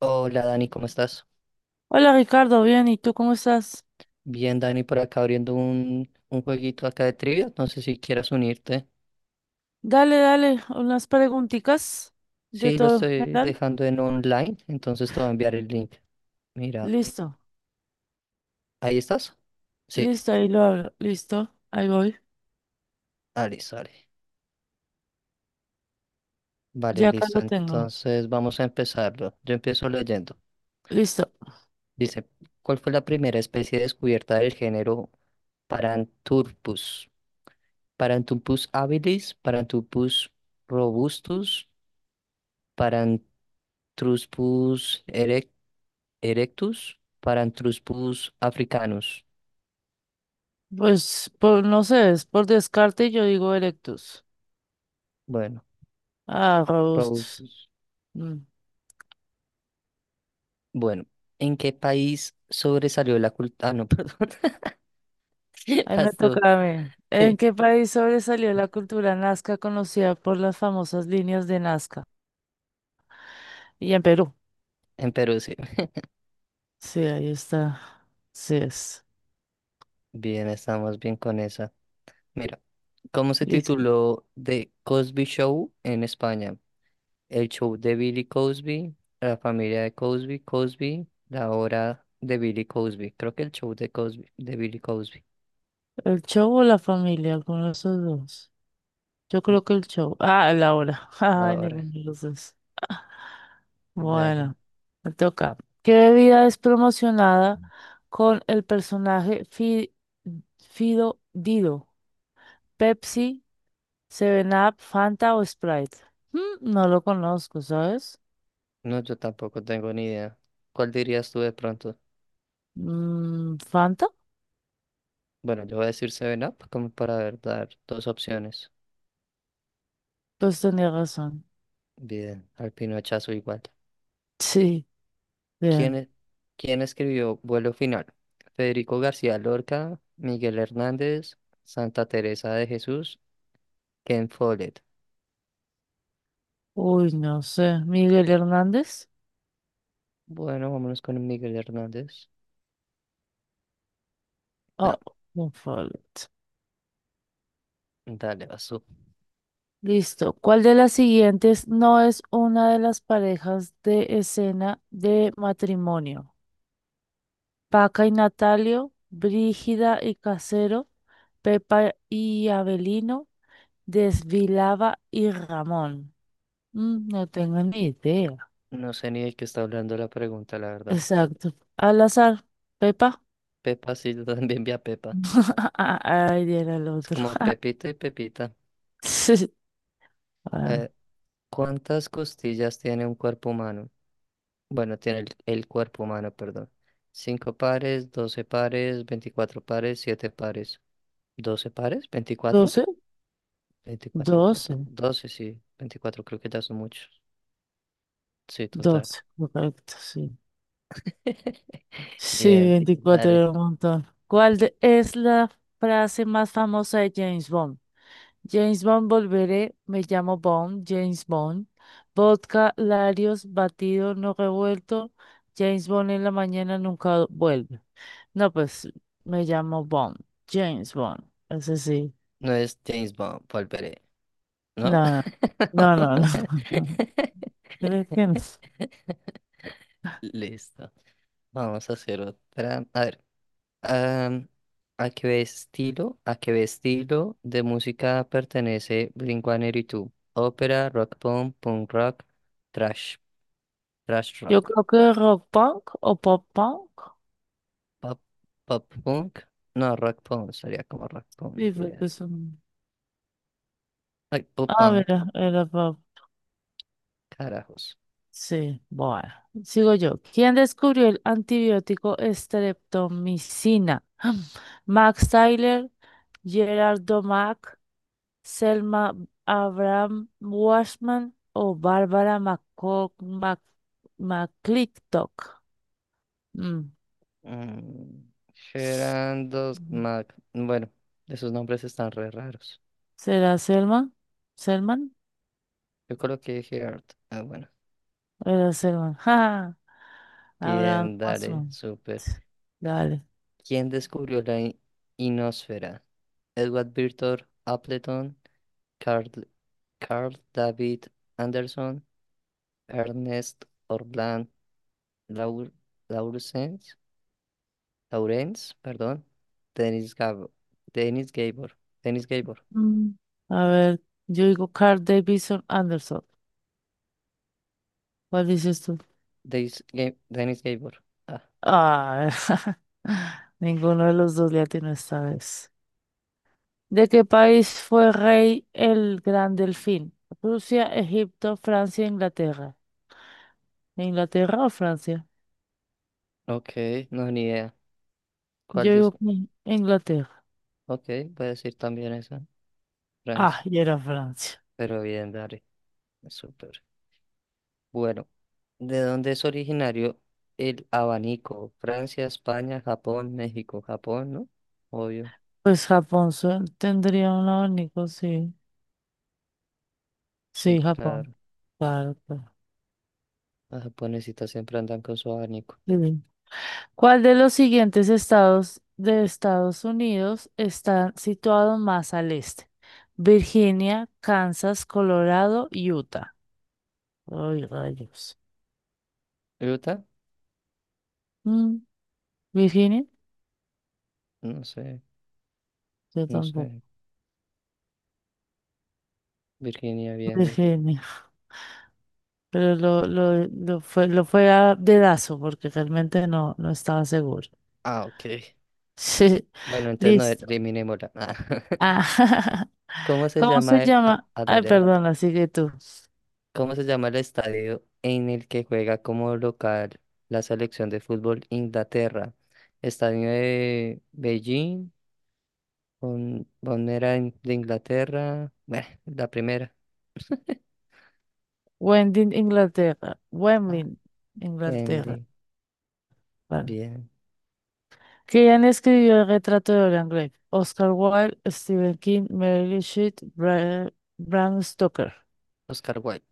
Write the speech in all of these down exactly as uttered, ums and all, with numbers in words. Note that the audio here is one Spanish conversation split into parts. Hola Dani, ¿cómo estás? Hola Ricardo, bien, ¿y tú cómo estás? Bien, Dani, por acá abriendo un, un jueguito acá de trivia. No sé si quieras unirte. Dale, dale, unas preguntitas de Sí, lo todo en estoy general. dejando en online, entonces te voy a enviar el link. Mira, Listo, ¿ahí estás? Sí, listo, ahí lo hablo, listo, ahí voy, ah, listo, vale. Vale, ya acá listo. lo tengo, Entonces vamos a empezarlo. Yo empiezo leyendo. listo. Dice, ¿cuál fue la primera especie descubierta del género Paranthropus? Paranthropus habilis, Paranthropus robustus, Paranthropus Erectus, Paranthropus africanus. Pues, por, no sé, es por descarte yo digo erectus. Bueno, Ah, robustus. robustus. Mm, Bueno, ¿en qué país sobresalió la cultura? Ah, no, perdón. Ahí me toca Pasó. a mí. ¿En qué país sobresalió la cultura nazca conocida por las famosas líneas de Nazca? Y en Perú. En Perú, sí. Sí, ahí está. Sí es. Bien, estamos bien con esa. Mira, ¿cómo se Listo. tituló The Cosby Show en España? El show de Billy Cosby, la familia de Cosby, Cosby, la hora de Billy Cosby. Creo que el show de Cosby, de Billy Cosby. ¿El show o la familia? Alguno de esos dos. Yo creo que el show. Ah, la hora. La Ay, hora. ninguno de los dos. Dale. Bueno, me toca. ¿Qué bebida es promocionada con el personaje Fi- Fido Dido? ¿Pepsi, Seven Up, Fanta o Sprite? Mm, no lo conozco, ¿sabes? No, yo tampoco tengo ni idea. ¿Cuál dirías tú de pronto? Mm, ¿Fanta? Bueno, yo voy a decir Seven Up como para ver, dar dos opciones. Pues tenía razón. Bien, al pinochazo igual. Sí, ¿Quién, bien. e- quién escribió Vuelo Final? Federico García Lorca, Miguel Hernández, Santa Teresa de Jesús, Ken Follett. Uy, no sé. ¿Miguel Hernández? Bueno, vámonos con Miguel Hernández. Oh, No, un fallo. dale, vas tú. Listo. ¿Cuál de las siguientes no es una de las parejas de escena de matrimonio? Paca y Natalio, Brígida y Casero, Pepa y Abelino, Desvilaba y Ramón. Mm, no tengo ni idea. No sé ni de qué está hablando la pregunta, la verdad. Exacto. Al azar, Pepa. Pepa, sí, yo también vi a Pepa. Ay, era el Es otro. como Pepita y Pepita. Sí. Ah, ¿Cuántas costillas tiene un cuerpo humano? Bueno, tiene el, el cuerpo humano, perdón. ¿Cinco pares, doce pares, veinticuatro pares, siete pares. Doce pares? Veinticuatro, doce. veinticuatro pa- do- 12, doce, sí. Veinticuatro creo que ya son muchos. Sí, total. doce, correcto, sí. Sí, Bien, veinticuatro dale. era un montón. ¿Cuál de- es la frase más famosa de James Bond? James Bond, volveré, me llamo Bond, James Bond. Vodka, Larios, batido, no revuelto. James Bond en la mañana nunca vuelve. No, pues me llamo Bond, James Bond. Ese sí. No es James Bond, volveré, ¿no? No, no, no, no. no. Creo que no. Listo. Vamos a hacer otra. A ver. Am, ¿a qué estilo, a qué estilo de música pertenece Blink uno ochenta y dos? Ópera, rock punk, punk rock, trash, trash Yo rock, creo que rock punk o pop punk. pop, pop punk, no, rock punk, sería como rock punk, Sí, diría. porque son- Ay, pop Ah, punk, mira, era pop. carajos. Sí, bueno, sigo yo. ¿Quién descubrió el antibiótico estreptomicina? Max Tyler, Gerard Domack, Selma Abraham Washman o Bárbara McCo- Mac- McClintock. Mm. Mm, Gerard dos Mm. Mac, bueno, esos nombres están re raros. ¿Será Selma? ¿Selman? Yo coloqué Gerard, ah, bueno, Era Selman. Ja. Abraham bien, dale, Washman. súper. Dale. ¿Quién descubrió la i- inosfera? Edward Victor Appleton, Carl, Carl David Anderson, Ernest Orland Laur, Laurens, Laurens, perdón, Dennis Gabor, Dennis Gabor, Dennis Gabor, Mm. A ver, yo digo Carl Davidson Anderson. ¿Cuál dices tú? Dennis, Ga- Dennis Gabor. Ah, Ah, ninguno de los dos le atinó esta vez. ¿De qué país fue rey el Gran Delfín? Rusia, Egipto, Francia, Inglaterra. ¿Inglaterra o Francia? ok, no, ni idea. ¿Cuál Yo digo dice? que Inglaterra. Ok, voy a decir también esa, Ah, Francia, y era Francia. pero bien, dale, súper. Bueno, ¿de dónde es originario el abanico? Francia, España, Japón, México, Japón, ¿no? Obvio. Pues Japón su- tendría un abanico, sí. Sí, Sí, Japón. claro. Claro, claro. Las japonesitas siempre andan con su abanico. Sí. ¿Cuál de los siguientes estados de Estados Unidos está situado más al este? Virginia, Kansas, Colorado, Utah. Ay, rayos. ¿Utah? Mm, ¿Virginia? No sé, Yo no sé. tampoco. Virginia, bien. Virginia. Pero lo, lo, lo fue, lo fue a dedazo porque realmente no, no estaba seguro. Ah, ok. Sí. Bueno, entonces no Listo. eliminémosla. Ah, Ah, ¿Cómo se ¿Cómo se llama el... Ah, llama? ah, Ay, dale, dale. perdón, sigue tú. ¿Cómo se llama el estadio en el que juega como local la selección de fútbol Inglaterra? ¿Estadio de Beijing? ¿Bon- Bombonera in- de Inglaterra? Bueno, la primera. Wendy, Inglaterra. Ah, Wendy, Inglaterra. Wembley. Vale. Bien. ¿Quién escribió el retrato de Dorian Gray? Oscar Wilde, Stephen King, Mary Shelley, Bra- Bram Stoker. Oscar Wilde.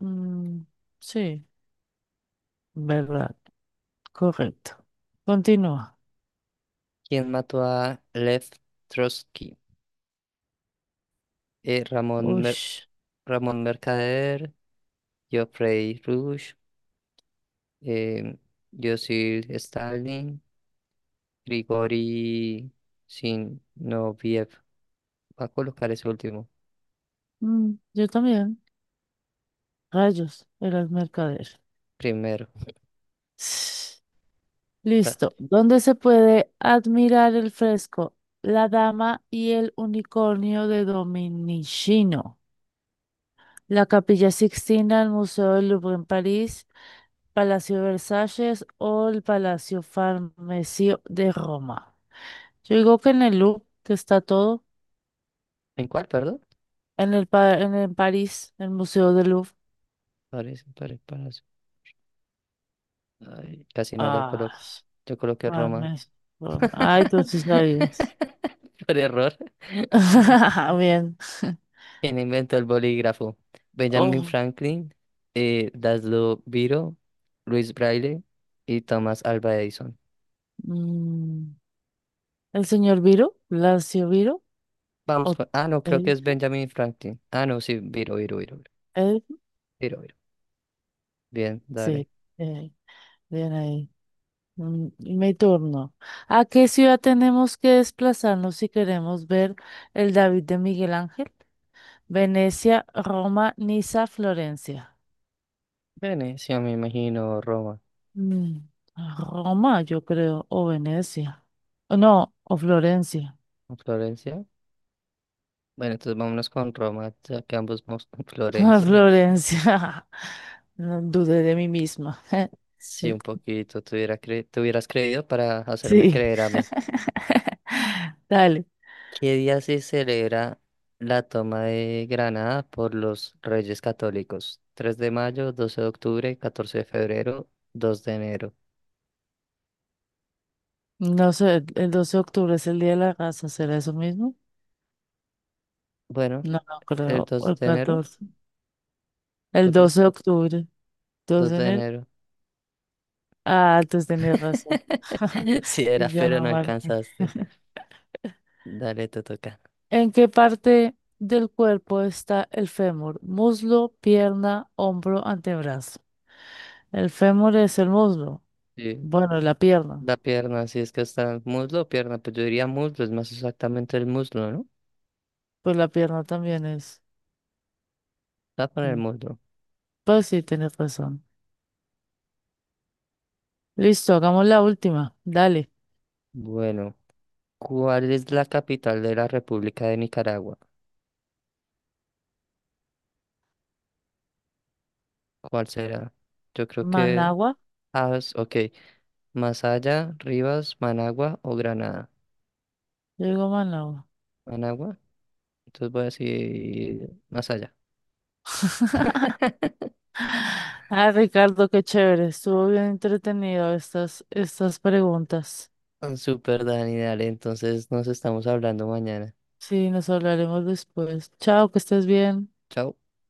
Mm, sí, verdad, correcto. Continúa. ¿Quién mató a Lev Trotsky? Eh, Ramón, Mer- Ush. Ramón Mercader, Geoffrey Rush, eh, Joseph Stalin, Grigori Zinoviev. Va a colocar ese último Mm, yo también. Rayos, eras mercader. primero. Ta- Listo. ¿Dónde se puede admirar el fresco La Dama y el Unicornio de Dominichino? La Capilla Sixtina, el Museo del Louvre en París, Palacio Versalles o el Palacio Farnesio de Roma. Yo digo que en el Louvre, que está todo, ¿En cuál, perdón? en el pa- en el París, el Museo del Louvre. Parece, parece, parece. Ay, casi no la Ah, coloco. Yo coloqué Roma. Farnesio. Ay, tú sí sabías. Por error. Bien. ¿Quién inventó el bolígrafo? Benjamin Oh, Franklin, eh, Daslo Viro, Luis Braille y Thomas Alva Edison. mm, el señor Viro, Lacio Viro, Vamos o con... Ah, no, creo que es Elvio, Benjamin Franklin. Ah, no, sí, Viro, Viro, Viro, Elvio, Viro, Viro. Viro. Bien, dale. sí, eh, bien ahí. Mm, Mi turno. ¿A qué ciudad tenemos que desplazarnos si queremos ver el David de Miguel Ángel? Venecia, Roma, Niza, Florencia. Venecia, me imagino, Roma. Mm, Roma, yo creo, o Venecia. O No, o Florencia. ¿O Florencia? Bueno, entonces vámonos con Roma, ya que ambos vamos con Florencia. Florencia. No dudé de mí misma. Sí, un poquito, te hubiera cre- te hubieras creído para hacerme Sí. creer a mí. Dale. ¿Qué día se celebra la toma de Granada por los Reyes Católicos? Tres de mayo, doce de octubre, catorce de febrero, dos de enero. No sé, el doce de octubre es el Día de la Raza, ¿será eso mismo? Bueno, No, no el creo. O dos el de enero, catorce. yo El creo doce que de octubre. dos dos de de enero. enero. Ah, entonces tenés razón. Sí era, Y yo pero no no marqué. alcanzaste. Dale, te toca. ¿En qué parte del cuerpo está el fémur? Muslo, pierna, hombro, antebrazo. El fémur es el muslo. Sí, Bueno, la pierna. la pierna, si es que está muslo o pierna, pues yo diría muslo, es más exactamente el muslo, ¿no? Pues la pierna también es. Está con el Mm, muslo. Pues sí, tienes razón. Listo, hagamos la última. Dale. Bueno, ¿cuál es la capital de la República de Nicaragua? ¿Cuál será? Yo creo que... Managua. Ah, es- ok. Masaya, Rivas, Managua o Granada. Yo digo Managua. Managua. Entonces voy a decir Masaya. Ah, Ricardo, qué chévere. Estuvo bien entretenido estas, estas preguntas. Ah, Super Dani, dale. Entonces nos estamos hablando mañana. Sí, nos hablaremos después. Chao, que estés bien. Chao.